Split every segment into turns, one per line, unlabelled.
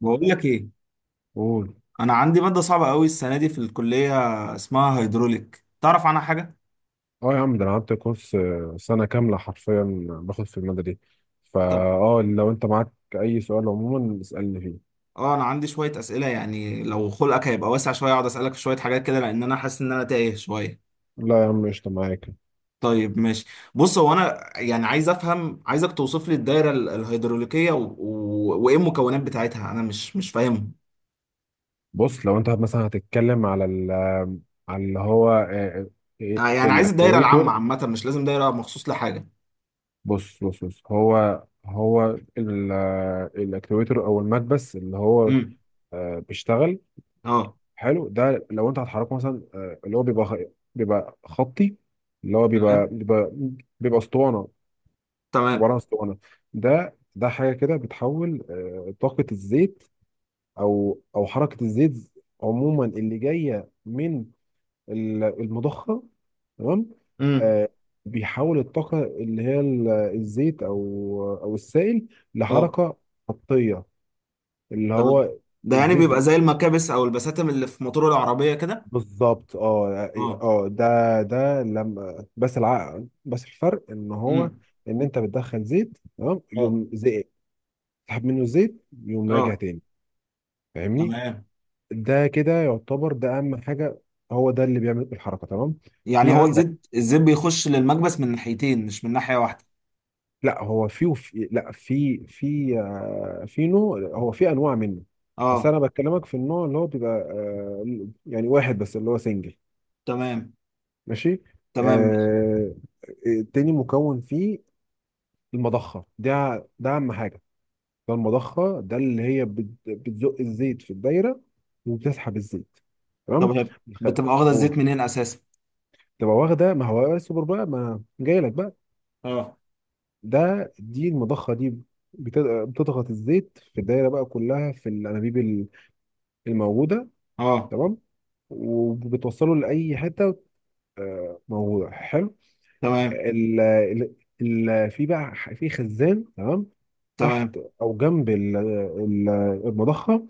بقول لك ايه؟
قول.
انا عندي ماده صعبه قوي السنه دي في الكليه، اسمها هيدروليك. تعرف عنها حاجه؟
اه يا عم، ده انا قعدت كورس سنه كامله حرفيا باخد في الماده دي. فا
طب
اه، لو انت معاك اي سؤال عموما اسالني فيه.
اه، انا عندي شويه اسئله، يعني لو خلقك هيبقى واسع شويه اقعد اسالك في شويه حاجات كده، لان انا حاسس ان انا تايه شويه.
لا يا عم، قشطه معاك.
طيب ماشي. بص، هو انا يعني عايز افهم، عايزك توصف لي الدايره ال- الهيدروليكيه وايه المكونات بتاعتها، انا مش فاهمهم.
بص، لو انت مثلا هتتكلم على على اللي هو
آه، يعني عايز الدايره العامه،
الاكتويتر.
عامه مش لازم دايره مخصوص لحاجه.
بص، هو هو الاكتويتر او المكبس اللي هو
امم.
بيشتغل.
اه.
حلو، ده لو انت هتحركه مثلا، اللي هو بيبقى خطي اللي هو بيبقى
تمام.
بيبقى بيبقى اسطوانه،
تمام.
عباره عن اسطوانه. ده حاجه كده بتحول طاقه الزيت، او حركه الزيت، عموما، اللي جايه من المضخه، تمام.
امم.
آه، بيحول الطاقه اللي هي الزيت او السائل
اه.
لحركه خطيه، اللي
تمام.
هو
ده يعني
الزيت
بيبقى زي المكابس او البساتم اللي في موتور العربيه كده؟
بالظبط. اه اه،
اه.
ده لما بس، العقل، بس الفرق ان هو
امم.
ان انت بتدخل زيت، تمام،
اه.
يقوم تسحب منه الزيت يقوم راجع
اه.
تاني، فاهمني.
تمام.
ده كده يعتبر، ده اهم حاجه، هو ده اللي بيعمل الحركه، تمام.
يعني
في
هو
عندك،
الزيت بيخش للمكبس من ناحيتين مش من ناحيه واحده؟
لا هو في وفي لا في في نوع، هو في انواع منه. بس
اه.
انا بكلمك في النوع اللي هو بيبقى يعني واحد بس، اللي هو سنجل،
تمام.
ماشي.
تمام.
آه، التاني مكون فيه المضخه، ده ده اهم حاجه، ده المضخه ده اللي هي بتزق الزيت في الدايره وبتسحب الزيت،
طب
تمام.
هي
الخ-
بتبقى واخده
قول.
الزيت منين اساسا؟
تبقى واخده، ما هو السوبر بقى ما جاي لك بقى.
اه.
دي المضخه دي بت- بتضغط الزيت في الدايره بقى كلها في الانابيب الموجوده،
اه.
تمام، وبتوصله لاي حته موجوده، حلو.
تمام.
ال ال ال في بقى ح- في خزان، تمام،
تمام.
تحت او جنب المضخه،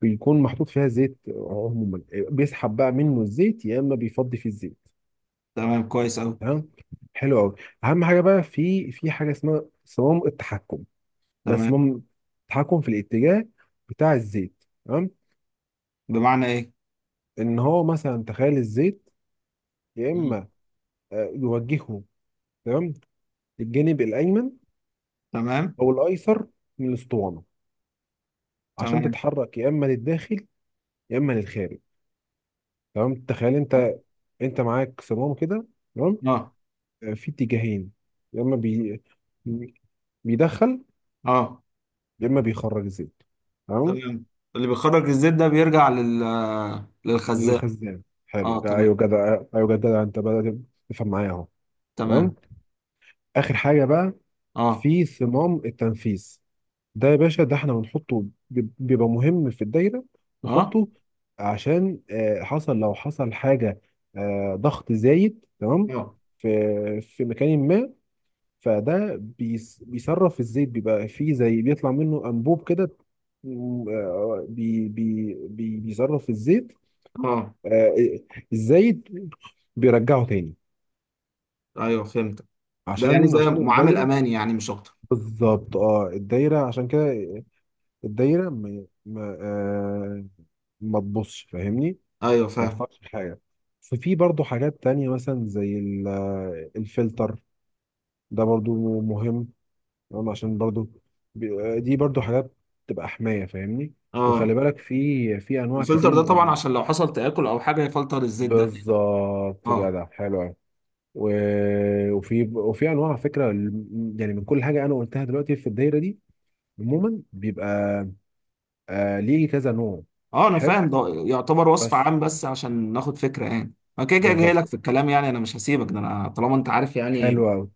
بيكون محطوط فيها زيت عموما، بيسحب بقى منه الزيت يا اما بيفضي فيه الزيت،
تمام كويس قوي.
تمام، حلو قوي. اهم حاجه بقى، في حاجه اسمها صمام التحكم، ده
تمام.
صمام التحكم في الاتجاه بتاع الزيت، تمام،
بمعنى ايه؟
ان هو مثلا تخيل الزيت يا
مم.
اما يوجهه، تمام، للجانب الايمن
تمام.
او الايسر من الاسطوانه، عشان
تمام.
تتحرك يا اما للداخل يا اما للخارج، تمام. تخيل انت، انت معاك صمام كده، تمام،
اه.
في اتجاهين، يا اما بيدخل
اه.
يا اما بيخرج الزيت، تمام،
تمام. اللي بيخرج الزيت ده بيرجع لل للخزان.
للخزان، حلو.
اه.
ده،
تمام.
ايوه جدع، ايوه جدع، انت بدأت تفهم معايا اهو، تمام.
تمام.
اخر حاجه بقى،
اه.
في صمام التنفيذ، ده يا باشا ده احنا بنحطه، بيبقى مهم في الدايره
اه.
نحطه، عشان، حصل، لو حصل حاجه، ضغط زايد، تمام،
اه.
في مكان ما، فده بيصرف الزيت، بيبقى فيه زي بيطلع منه انبوب كده، بيصرف الزيت.
اه.
آه، ازاي بيرجعوا تاني،
ايوه فهمتك. ده يعني
عشان
زي معامل
الدايره،
امان، يعني مش اكتر؟
بالظبط اه، الدايره عشان كده. الدايره ما تبصش فاهمني،
ايوه
ما
فاهم.
يحصلش حاجه. ففي برضو حاجات تانية، مثلا زي الفلتر، ده برضو مهم، تمام؟ عشان برضو دي برضو حاجات تبقى حمايه، فاهمني.
اه.
وخلي بالك، في انواع
الفلتر
كتير
ده طبعا
من،
عشان لو حصل تآكل او حاجه يفلتر الزيت ده تاني.
بالظبط
اه.
جدع، حلو أوي. وفي انواع على فكره، يعني من كل حاجه انا قلتها دلوقتي في الدايره دي، عموما بيبقى ليه كذا نوع،
اه انا
حلو
فاهم، ده يعتبر وصف
بس،
عام بس عشان ناخد فكره، يعني انا كده كده جاي
بالظبط،
لك في الكلام، يعني انا مش هسيبك، ده انا طالما انت عارف يعني
حلو قوي.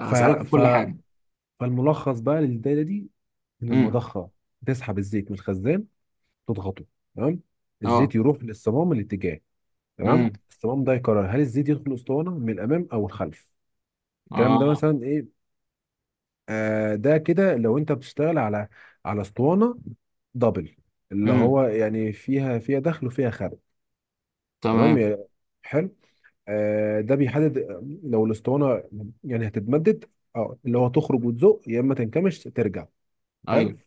ف
في
ف
كل حاجه.
فالملخص بقى للدايره دي، ان
امم.
المضخه تسحب الزيت من الخزان تضغطه، تمام،
اه.
الزيت يروح للصمام الاتجاه، تمام،
امم.
الصمام ده يقرر هل الزيت يدخل الاسطوانه من الامام او الخلف، الكلام ده
اه.
مثلا ايه. ده كده لو انت بتشتغل على اسطوانه دبل، اللي
امم.
هو يعني فيها دخل وفيها خارج، تمام،
تمام.
حلو. ده بيحدد لو الاسطوانه يعني هتتمدد، اه، اللي هو تخرج وتزق يا اما تنكمش ترجع، حلو.
ايوه.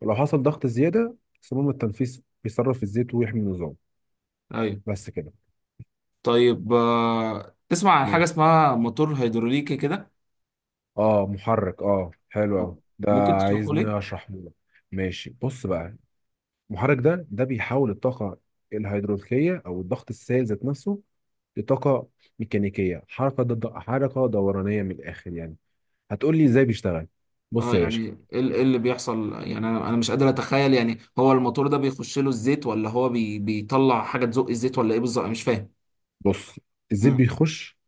ولو حصل ضغط زياده صمام التنفيذ بيصرف الزيت ويحمي النظام،
ايوه.
بس كده،
طيب آه. تسمع عن حاجه
ماشي.
اسمها موتور هيدروليكي كده؟
اه محرك، اه حلو قوي،
طب
ده
ممكن تشرحه لي؟
عايزني اشرحه لك، ماشي بص بقى. المحرك ده بيحول الطاقة الهيدروليكية أو الضغط السائل ذات نفسه لطاقة ميكانيكية، حركة ضد حركة دورانية من الآخر يعني. هتقول لي إزاي بيشتغل؟ بص
اه
يا
يعني
باشا،
ايه ال- إيه اللي بيحصل؟ يعني أنا مش قادر اتخيل، يعني هو الموتور ده بيخش له الزيت، ولا هو بيطلع حاجه تزق الزيت، ولا ايه بالظبط؟ أنا مش فاهم.
بص الزيت
امم.
بيخش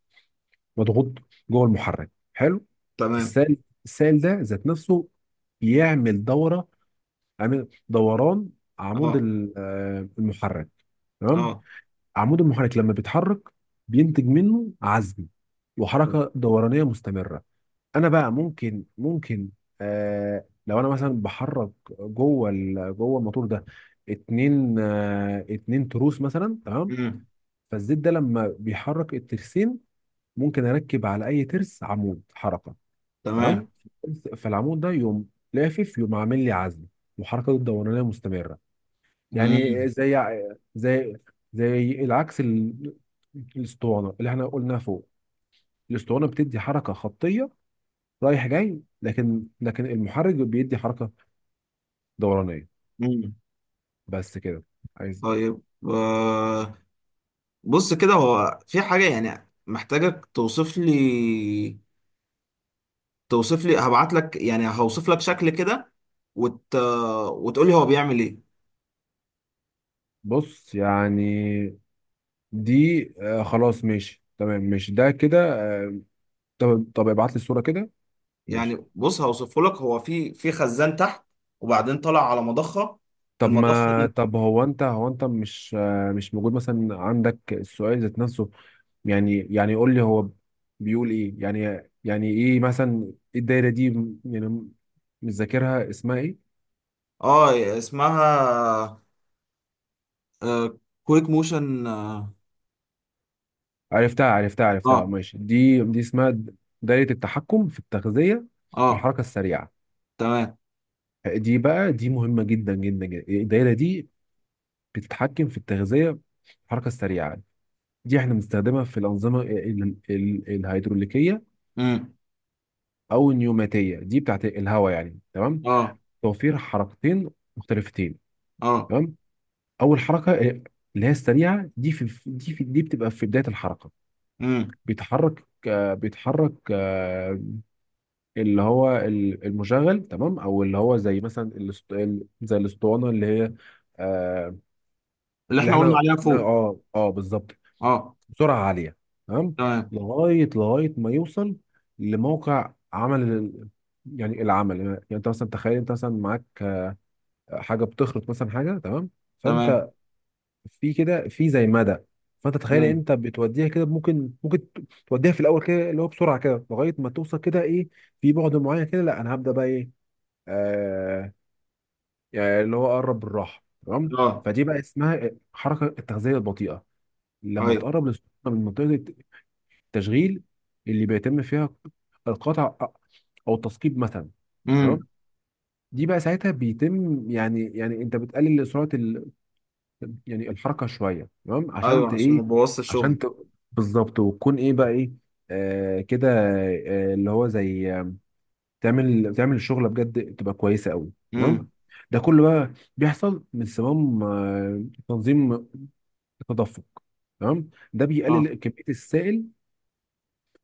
مضغوط جوه المحرك، حلو.
تمام.
السائل السائل ده ذات نفسه بيعمل دورة، عامل دوران عمود
اه.
المحرك، تمام،
اه.
عمود المحرك لما بيتحرك بينتج منه عزم وحركة دورانية مستمرة. انا بقى، ممكن ممكن آه لو انا مثلا بحرك جوه الموتور ده اتنين تروس مثلا، تمام.
امم.
فالزيت ده لما بيحرك الترسين، ممكن اركب على اي ترس عمود حركه،
تمام.
تمام، فالعمود ده يقوم لافف، يقوم عامل لي عزم، وحركته الدورانيه مستمره. يعني
امم.
زي زي العكس، الاسطوانه اللي احنا قلناها فوق، الاسطوانه بتدي حركه خطيه رايح جاي، لكن المحرك بيدي حركه دورانيه،
امم.
بس كده. عايز،
طيب آه، بص كده، هو في حاجه يعني محتاجك توصف لي. توصف لي، هبعت لك، يعني هوصف لك شكل كده وت... وتقول لي هو بيعمل ايه.
بص يعني، دي آه خلاص، ماشي تمام، ماشي ده كده، طب ابعت لي الصوره كده، ماشي.
يعني بص، هوصفه لك. هو في في خزان تحت، وبعدين طلع على مضخة.
طب
المضخة
ما
دي،
طب هو انت، مش موجود مثلا عندك السؤال ذات نفسه، يعني قول لي هو بيقول ايه، يعني ايه مثلا، إيه الدايره دي يعني، مش ذاكرها اسمها ايه؟
اه. اسمها آه، كويك موشن. اه.
عرفتها
اه.
ماشي، دي اسمها دايرة التحكم في التغذية
آه،
بالحركة السريعة.
تمام.
دي بقى، دي مهمة جدا جدا جدا، الدايرة دي بتتحكم في التغذية بالحركة السريعة. دي احنا بنستخدمها في الأنظمة الهيدروليكية،
امم.
أو النيوماتية دي بتاعت الهواء يعني، تمام،
اه.
توفير حركتين مختلفتين،
اه.
تمام. أول حركة اللي هي السريعة دي، في دي في دي بتبقى في بداية الحركة.
امم.
بيتحرك، اللي هو المشغل، تمام، او اللي هو زي مثلا زي الاسطوانه اللي هي آه،
اللي
اللي
احنا قلنا
احنا،
عليها فوق.
اه اه بالظبط،
اه.
بسرعه عاليه، تمام.
تمام.
لغايه ما يوصل لموقع عمل يعني العمل، يعني انت مثلا تخيل، انت مثلا معاك حاجه بتخرط مثلا حاجه، تمام،
تمام.
فانت في كده في زي مدى، فانت تخيل،
امم.
انت بتوديها كده، ممكن توديها في الاول كده اللي هو بسرعه كده، لغايه ما توصل كده، ايه، في بعد معين كده لا، انا هبدا بقى، ايه، آه، يعني اللي هو قرب بالراحه، تمام.
اه.
فدي بقى اسمها حركه التغذيه البطيئه، لما
ايوه.
تقرب للسخونه من منطقه التشغيل اللي بيتم فيها القطع او التثقيب مثلا، تمام.
امم.
دي بقى ساعتها بيتم، يعني انت بتقلل سرعه يعني الحركه شويه، تمام، عشان
ايوه
ت
عشان ما
ايه،
بوظش الشغل.
عشان بالظبط، وتكون ايه بقى، ايه، آه كده، آه اللي هو زي تعمل الشغله بجد تبقى كويسه قوي، تمام.
امم.
ده كله بقى بيحصل من صمام تنظيم التدفق، تمام، ده
اه.
بيقلل كميه السائل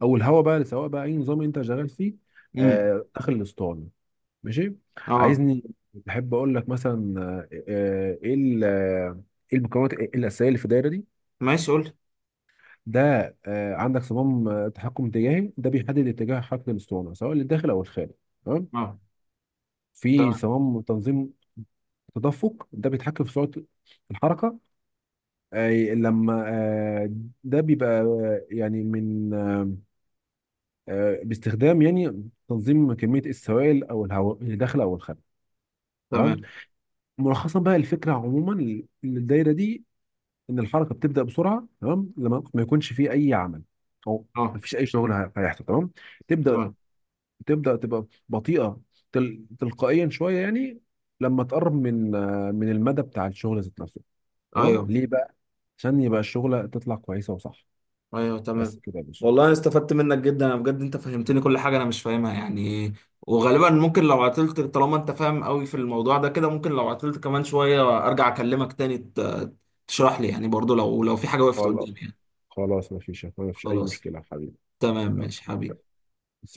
او الهواء بقى، سواء بقى اي نظام انت شغال فيه،
امم.
داخل الاسطوانه، ماشي.
اه.
عايزني، بحب اقول لك مثلا ايه ايه المكونات الاساسيه اللي في الدايره دي.
ماشي قول لي.
ده عندك صمام تحكم اتجاهي ده بيحدد اتجاه حركه الاسطوانه سواء للداخل او الخارج، تمام،
اه.
في
تمام.
صمام تنظيم تدفق ده بيتحكم في سرعه الحركه. آه، لما آه، ده بيبقى يعني، من باستخدام يعني تنظيم كميه السوائل او الهواء اللي داخله او الخارجه، تمام.
تمام.
ملخصا بقى الفكره عموما للدايره دي، ان الحركه بتبدا بسرعه، تمام، لما ما يكونش فيه اي عمل، او
اه.
ما فيش اي شغل هيحصل، تمام. تبدا
تمام.
تبدا تبقى بطيئه، تلقائيا شويه يعني، لما تقرب من من المدى بتاع الشغل ذات نفسه، تمام،
ايوه.
ليه بقى؟ عشان يبقى الشغلة تطلع كويسة وصح،
ايوه
بس
تمام.
كده يا باشا.
والله أنا استفدت منك جدا، انا بجد انت فهمتني كل حاجه انا مش فاهمها يعني. وغالبا ممكن لو عطلت، طالما انت فاهم قوي في الموضوع ده كده، ممكن لو عطلت كمان شويه ارجع اكلمك تاني تشرح لي، يعني برضو لو في حاجه وقفت
خلاص،
قدامي يعني.
خلاص ما فيش أي
خلاص.
مشكلة يا حبيبي.
تمام
يلا.
ماشي حبيبي.